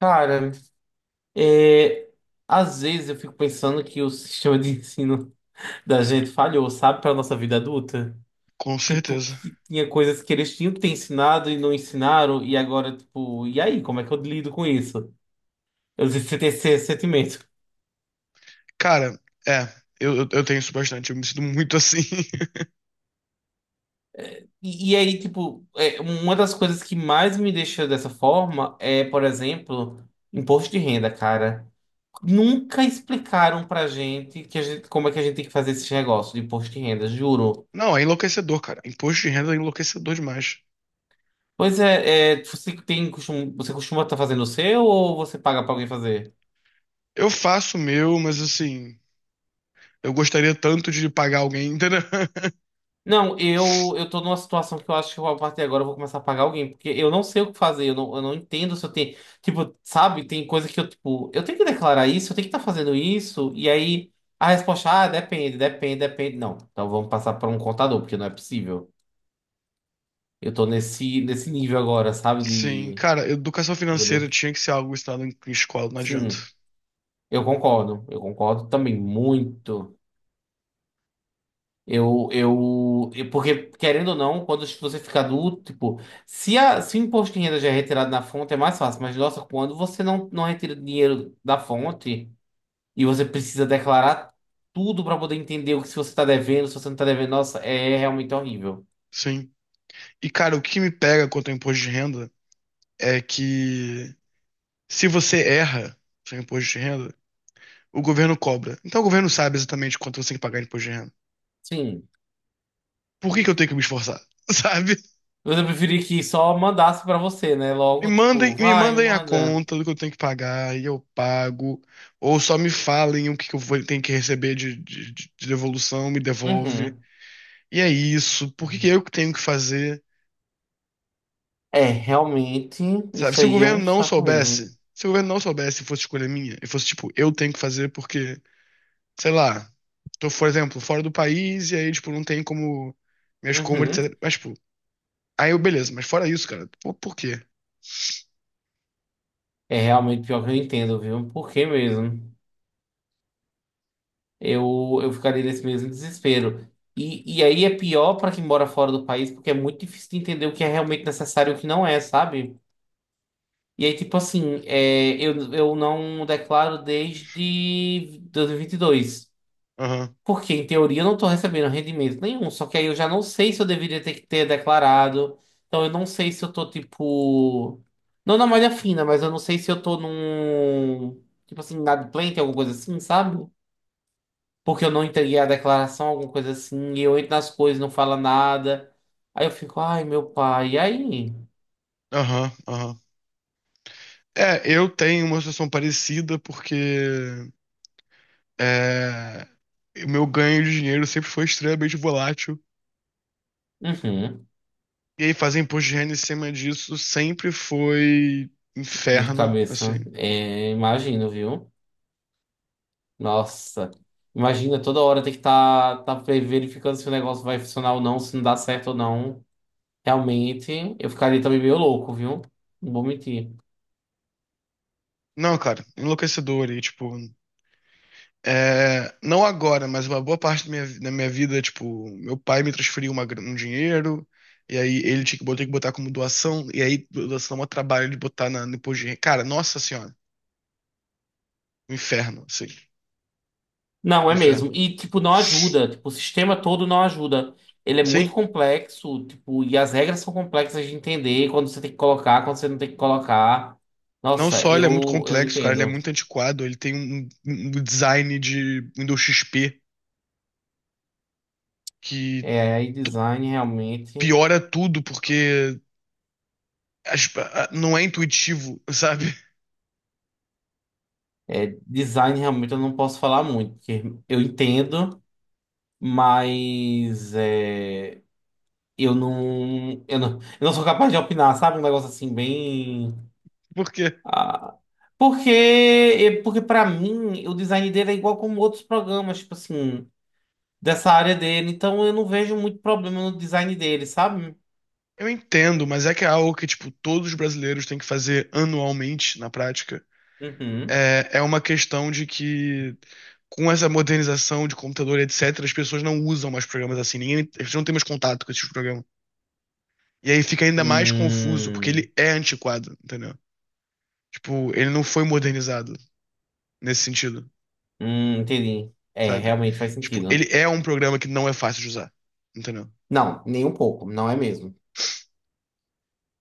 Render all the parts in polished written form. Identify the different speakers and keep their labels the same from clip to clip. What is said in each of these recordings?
Speaker 1: Cara, é, às vezes eu fico pensando que o sistema de ensino da gente falhou, sabe, para nossa vida adulta.
Speaker 2: Com
Speaker 1: Tipo,
Speaker 2: certeza.
Speaker 1: que tinha coisas que eles tinham que ter ensinado e não ensinaram, e agora, tipo, e aí, como é que eu lido com isso? Eu sempre tenho esse sentimento.
Speaker 2: Cara, é, eu tenho isso bastante, eu me sinto muito assim.
Speaker 1: E aí, tipo, uma das coisas que mais me deixa dessa forma é, por exemplo, imposto de renda, cara. Nunca explicaram pra gente, que a gente como é que a gente tem que fazer esse negócio de imposto de renda, juro.
Speaker 2: Não, é enlouquecedor, cara. Imposto de renda é enlouquecedor demais.
Speaker 1: Pois é, você costuma estar fazendo o seu ou você paga pra alguém fazer?
Speaker 2: Eu faço o meu, mas assim, eu gostaria tanto de pagar alguém, entendeu?
Speaker 1: Não, eu tô numa situação que eu acho que eu, a partir de agora eu vou começar a pagar alguém, porque eu não sei o que fazer, eu não entendo se eu tenho, tipo, sabe, tem coisa que eu, tipo, eu tenho que declarar isso, eu tenho que estar fazendo isso, e aí a resposta, ah, depende, depende, depende. Não, então vamos passar para um contador, porque não é possível. Eu tô nesse nível agora, sabe,
Speaker 2: Sim, cara, educação
Speaker 1: né?
Speaker 2: financeira tinha que ser algo ensinado em escola, não adianta.
Speaker 1: Sim, eu concordo também muito. Porque, querendo ou não, quando você fica adulto, tipo, se o imposto de renda já é retirado na fonte, é mais fácil. Mas, nossa, quando você não retira dinheiro da fonte e você precisa declarar tudo para poder entender o que se você está devendo, se você não está devendo, nossa, é realmente horrível.
Speaker 2: Sim. E, cara, o que me pega quanto ao imposto de renda é que, se você erra seu imposto de renda, o governo cobra. Então o governo sabe exatamente quanto você tem que pagar de imposto de renda.
Speaker 1: Sim.
Speaker 2: Por que que eu tenho que me esforçar? Sabe?
Speaker 1: Eu preferia que só mandasse para você, né? Logo, tipo,
Speaker 2: Me
Speaker 1: vai, me
Speaker 2: mandem a
Speaker 1: manda.
Speaker 2: conta do que eu tenho que pagar e eu pago. Ou só me falem o que que eu tenho que receber de devolução, me devolve.
Speaker 1: Uhum.
Speaker 2: E é isso. Por que que eu que tenho que fazer?
Speaker 1: É, realmente,
Speaker 2: Sabe?
Speaker 1: isso
Speaker 2: Se o
Speaker 1: aí é
Speaker 2: governo
Speaker 1: um
Speaker 2: não
Speaker 1: saco mesmo.
Speaker 2: soubesse, se o governo não soubesse e fosse escolha minha, e fosse, tipo, eu tenho que fazer porque, sei lá, tô, por exemplo, fora do país e aí, tipo, não tem como minhas compras,
Speaker 1: Uhum.
Speaker 2: etc. Mas, tipo, aí eu, beleza, mas fora isso, cara, por quê?
Speaker 1: É realmente pior que eu entendo, viu? Por que mesmo? Eu ficaria nesse mesmo desespero. E aí é pior para quem mora fora do país, porque é muito difícil de entender o que é realmente necessário e o que não é, sabe? E aí, tipo assim, é, eu não declaro desde 2022.
Speaker 2: Aham,
Speaker 1: Porque, em teoria, eu não estou recebendo rendimento nenhum. Só que aí eu já não sei se eu deveria ter que ter declarado. Então, eu não sei se eu tô, tipo. Não na malha fina, mas eu não sei se eu tô num. Tipo assim, inadimplente, alguma coisa assim, sabe? Porque eu não entreguei a declaração, alguma coisa assim, e eu entro nas coisas, não fala nada. Aí eu fico, ai, meu pai, e aí?
Speaker 2: aham, aham. É, eu tenho uma situação parecida porque, É, o meu ganho de dinheiro sempre foi extremamente volátil.
Speaker 1: Uhum,
Speaker 2: E aí fazer imposto de renda em cima disso sempre foi
Speaker 1: dor de
Speaker 2: inferno, assim.
Speaker 1: cabeça. É, imagino, viu? Nossa, imagina toda hora ter que estar tá verificando se o negócio vai funcionar ou não, se não dá certo ou não. Realmente, eu ficaria também meio louco, viu? Não vou mentir.
Speaker 2: Não, cara, enlouquecedor. E, tipo, não agora, mas uma boa parte da minha vida, tipo, meu pai me transferiu um dinheiro, e aí ele tinha que botar como doação, e aí doação é um trabalho de botar na, no imposto de renda. Cara, nossa senhora, um inferno, assim,
Speaker 1: Não,
Speaker 2: um
Speaker 1: é
Speaker 2: inferno.
Speaker 1: mesmo. E, tipo, não ajuda. Tipo, o sistema todo não ajuda. Ele é muito
Speaker 2: Sim.
Speaker 1: complexo, tipo, e as regras são complexas de entender quando você tem que colocar, quando você não tem que colocar.
Speaker 2: Não
Speaker 1: Nossa,
Speaker 2: só ele é muito
Speaker 1: eu
Speaker 2: complexo, cara, ele é
Speaker 1: entendo.
Speaker 2: muito antiquado, ele tem um design de Windows XP que
Speaker 1: É, e
Speaker 2: t-
Speaker 1: design realmente.
Speaker 2: piora tudo porque não é intuitivo, sabe?
Speaker 1: É, design realmente eu não posso falar muito, porque eu entendo, mas eu não sou capaz de opinar, sabe? Um negócio assim, bem.
Speaker 2: Porque
Speaker 1: Ah, porque para mim, o design dele é igual como outros programas, tipo assim, dessa área dele. Então eu não vejo muito problema no design dele, sabe?
Speaker 2: eu entendo, mas é que é algo que, tipo, todos os brasileiros têm que fazer anualmente na prática.
Speaker 1: Uhum.
Speaker 2: É uma questão de que, com essa modernização de computador, etc., as pessoas não usam mais programas assim, ninguém, as pessoas não têm mais contato com esses programas. E aí fica ainda mais confuso, porque
Speaker 1: Hum,
Speaker 2: ele é antiquado, entendeu? Tipo, ele não foi modernizado nesse sentido,
Speaker 1: entendi. É,
Speaker 2: sabe?
Speaker 1: realmente faz
Speaker 2: Tipo, ele
Speaker 1: sentido.
Speaker 2: é um programa que não é fácil de usar, entendeu?
Speaker 1: Não, nem um pouco, não é mesmo.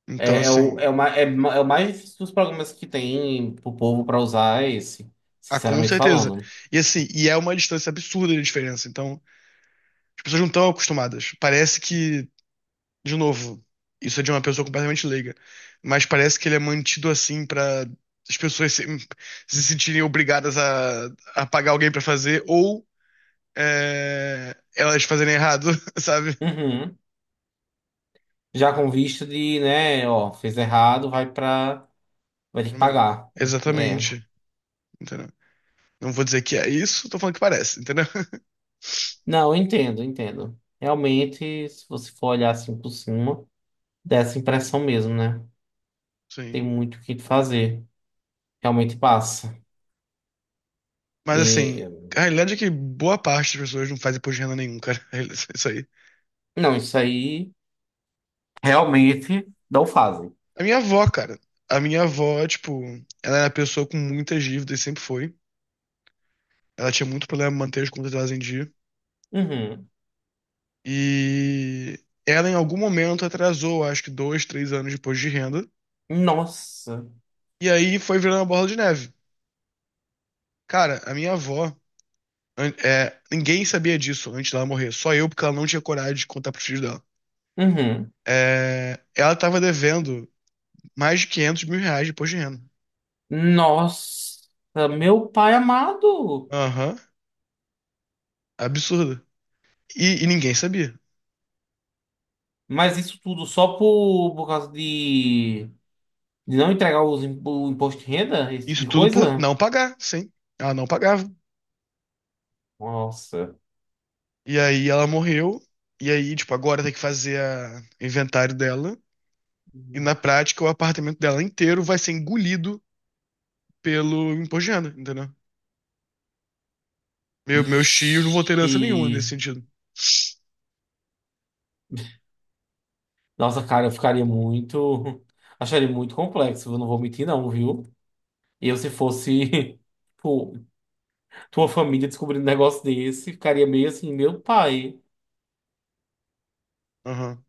Speaker 2: Então,
Speaker 1: É, é, o,
Speaker 2: assim,
Speaker 1: é, o, ma- é, ma- É o mais difícil dos programas que tem pro povo para usar é esse,
Speaker 2: ah, com
Speaker 1: sinceramente
Speaker 2: certeza.
Speaker 1: falando.
Speaker 2: E assim, e é uma distância absurda de diferença. Então, as pessoas não estão acostumadas. Parece que, de novo, isso é de uma pessoa completamente leiga, mas parece que ele é mantido assim pra as pessoas se sentirem obrigadas a pagar alguém pra fazer ou, elas fazerem errado, sabe?
Speaker 1: Uhum. Já com vista de, né, ó, fez errado, vai pra. Vai ter que pagar. É.
Speaker 2: Exatamente, entendeu? Não vou dizer que é isso, tô falando que parece, entendeu?
Speaker 1: Não, eu entendo, eu entendo. Realmente, se você for olhar assim por cima, dá essa impressão mesmo, né? Tem
Speaker 2: Sim.
Speaker 1: muito o que fazer. Realmente passa.
Speaker 2: Mas assim,
Speaker 1: E
Speaker 2: a realidade é que boa parte das pessoas não faz imposto de renda nenhum, cara. É. Isso aí.
Speaker 1: não, isso aí realmente não fazem.
Speaker 2: A minha avó, cara. A minha avó, tipo, ela era uma pessoa com muitas dívidas, sempre foi. Ela tinha muito problema em manter as contas delas em dia.
Speaker 1: Uhum.
Speaker 2: E ela, em algum momento, atrasou, acho que dois, três anos de imposto de renda.
Speaker 1: Nossa.
Speaker 2: E aí foi virando uma bola de neve. Cara, a minha avó, ninguém sabia disso antes dela morrer. Só eu, porque ela não tinha coragem de contar pros filhos dela.
Speaker 1: Uhum.
Speaker 2: É, ela tava devendo mais de 500 mil reais de imposto de renda.
Speaker 1: Nossa, meu pai amado.
Speaker 2: Aham, absurdo. E ninguém sabia.
Speaker 1: Mas isso tudo só por causa de não entregar o imposto de renda, esse tipo
Speaker 2: Isso
Speaker 1: de
Speaker 2: tudo por
Speaker 1: coisa?
Speaker 2: não pagar, sim. Ela não pagava.
Speaker 1: Nossa.
Speaker 2: E aí ela morreu. E aí, tipo, agora tem que fazer a inventário dela. E, na prática, o apartamento dela inteiro vai ser engolido pelo imposto de renda, entendeu? Meus tios não vão ter herança
Speaker 1: Ixi.
Speaker 2: nenhuma nesse sentido.
Speaker 1: Nossa, cara, eu ficaria muito. Acharia muito complexo, eu não vou mentir, não, viu? Eu, se fosse pô, tua família descobrindo um negócio desse, ficaria meio assim, meu pai.
Speaker 2: Aham.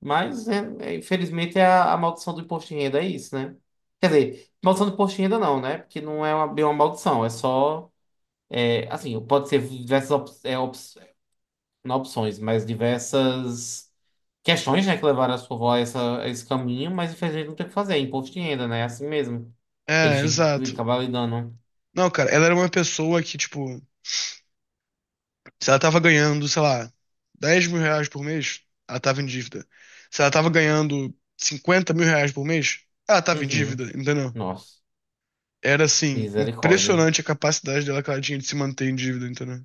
Speaker 1: Mas, infelizmente, é a maldição do imposto de renda é isso, né? Quer dizer, maldição do imposto de renda não, né? Porque não é uma, bem uma maldição, é só. É, assim, pode ser diversas opções não opções, mas diversas questões, né, que levaram a sua avó a esse caminho, mas infelizmente não tem o que fazer, é imposto de renda, né? É assim mesmo.
Speaker 2: É,
Speaker 1: Eles têm que
Speaker 2: exato.
Speaker 1: acabar lidando.
Speaker 2: Não, cara, ela era uma pessoa que, tipo, se ela tava ganhando, sei lá, 10 mil reais por mês, ela tava em dívida. Se ela tava ganhando 50 mil reais por mês, ela tava em
Speaker 1: Uhum.
Speaker 2: dívida, entendeu?
Speaker 1: Nossa,
Speaker 2: Era, assim,
Speaker 1: misericórdia.
Speaker 2: impressionante a capacidade dela que ela tinha de se manter em dívida, entendeu?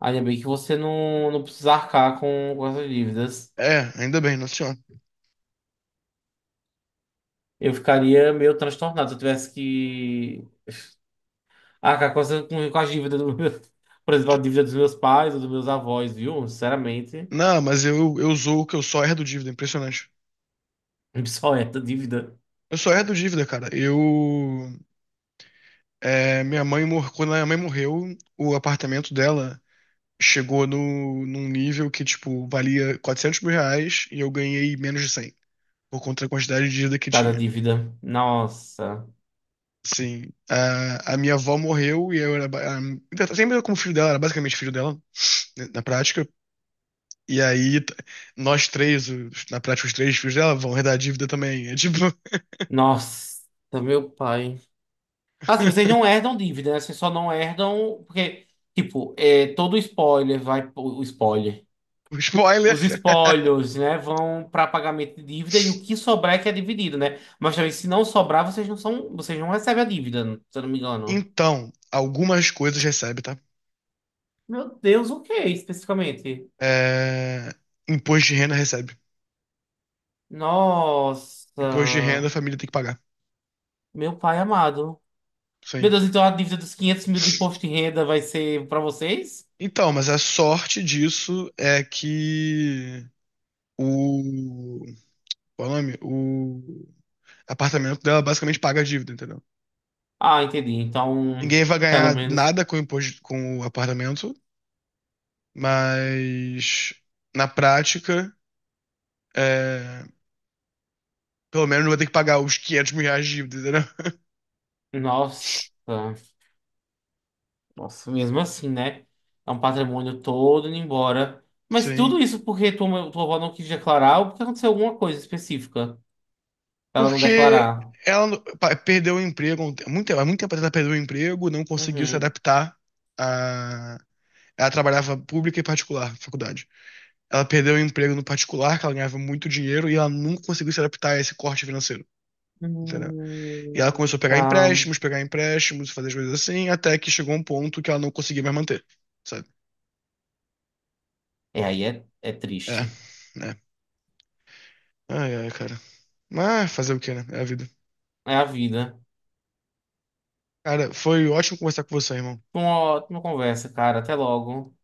Speaker 1: Ainda bem que você não precisa arcar com essas dívidas.
Speaker 2: É, ainda bem, nossa senhora.
Speaker 1: Eu ficaria meio transtornado se eu tivesse que arcar com as dívidas do meu, por exemplo, a dívida dos meus pais ou dos meus avós, viu? Sinceramente,
Speaker 2: Não, mas eu sou o que eu só herdo dívida, é impressionante.
Speaker 1: só essa dívida.
Speaker 2: Eu só herdo dívida, cara. Minha mãe, quando a minha mãe morreu, o apartamento dela chegou no, num nível que, tipo, valia 400 mil reais e eu ganhei menos de 100 por conta da quantidade de dívida que
Speaker 1: Cada
Speaker 2: tinha.
Speaker 1: dívida. Nossa.
Speaker 2: Sim, a minha avó morreu e eu era. Ba- A, sempre eu, como filho dela, era basicamente filho dela, né, na prática. E aí, nós três, na prática, os três filhos dela vão herdar a dívida também. É, tipo.
Speaker 1: Nossa, meu pai. Assim, vocês não herdam dívida, né? Vocês só não herdam. Porque, tipo, é, todo spoiler vai. O spoiler.
Speaker 2: O Spoiler!
Speaker 1: Os spoilers, né? Vão para pagamento de dívida e o que sobrar é que é dividido, né? Mas também, se não sobrar, vocês não são. Vocês não recebem a dívida, se eu não me engano.
Speaker 2: Então, algumas coisas recebe, tá?
Speaker 1: Meu Deus, o que especificamente?
Speaker 2: É, imposto de renda recebe. Imposto de renda a
Speaker 1: Nossa,
Speaker 2: família tem que pagar.
Speaker 1: meu pai amado. Meu
Speaker 2: Sim.
Speaker 1: Deus, então a dívida dos 500 mil do imposto de renda vai ser para vocês?
Speaker 2: Então, mas a sorte disso é que o, qual é o nome? O apartamento dela basicamente paga a dívida, entendeu?
Speaker 1: Ah, entendi. Então,
Speaker 2: Ninguém vai
Speaker 1: pelo
Speaker 2: ganhar
Speaker 1: menos.
Speaker 2: nada com o imposto, com o apartamento, mas, na prática, é, pelo menos não vai ter que pagar os 500 mil reais de dívida, entendeu?
Speaker 1: Nossa, nossa, mesmo assim, né? É um patrimônio todo indo embora. Mas
Speaker 2: Sim.
Speaker 1: tudo isso porque tua avó não quis declarar ou porque aconteceu alguma coisa específica pra ela não
Speaker 2: Porque
Speaker 1: declarar.
Speaker 2: ela perdeu o emprego, muito tempo, há muito tempo atrás ela perdeu o emprego, não conseguiu se
Speaker 1: Uhum.
Speaker 2: adaptar a... Ela trabalhava pública e particular, faculdade. Ela perdeu o emprego no particular, que ela ganhava muito dinheiro, e ela nunca conseguiu se adaptar a esse corte financeiro, entendeu? E ela começou a
Speaker 1: Tá.
Speaker 2: pegar empréstimos, fazer as coisas assim, até que chegou um ponto que ela não conseguia mais manter, sabe?
Speaker 1: É, aí é
Speaker 2: É,
Speaker 1: triste.
Speaker 2: é. Ai, ai, cara. Mas fazer o quê, né? É a vida.
Speaker 1: É a vida.
Speaker 2: Cara, foi ótimo conversar com você, irmão.
Speaker 1: Uma ótima conversa, cara. Até logo.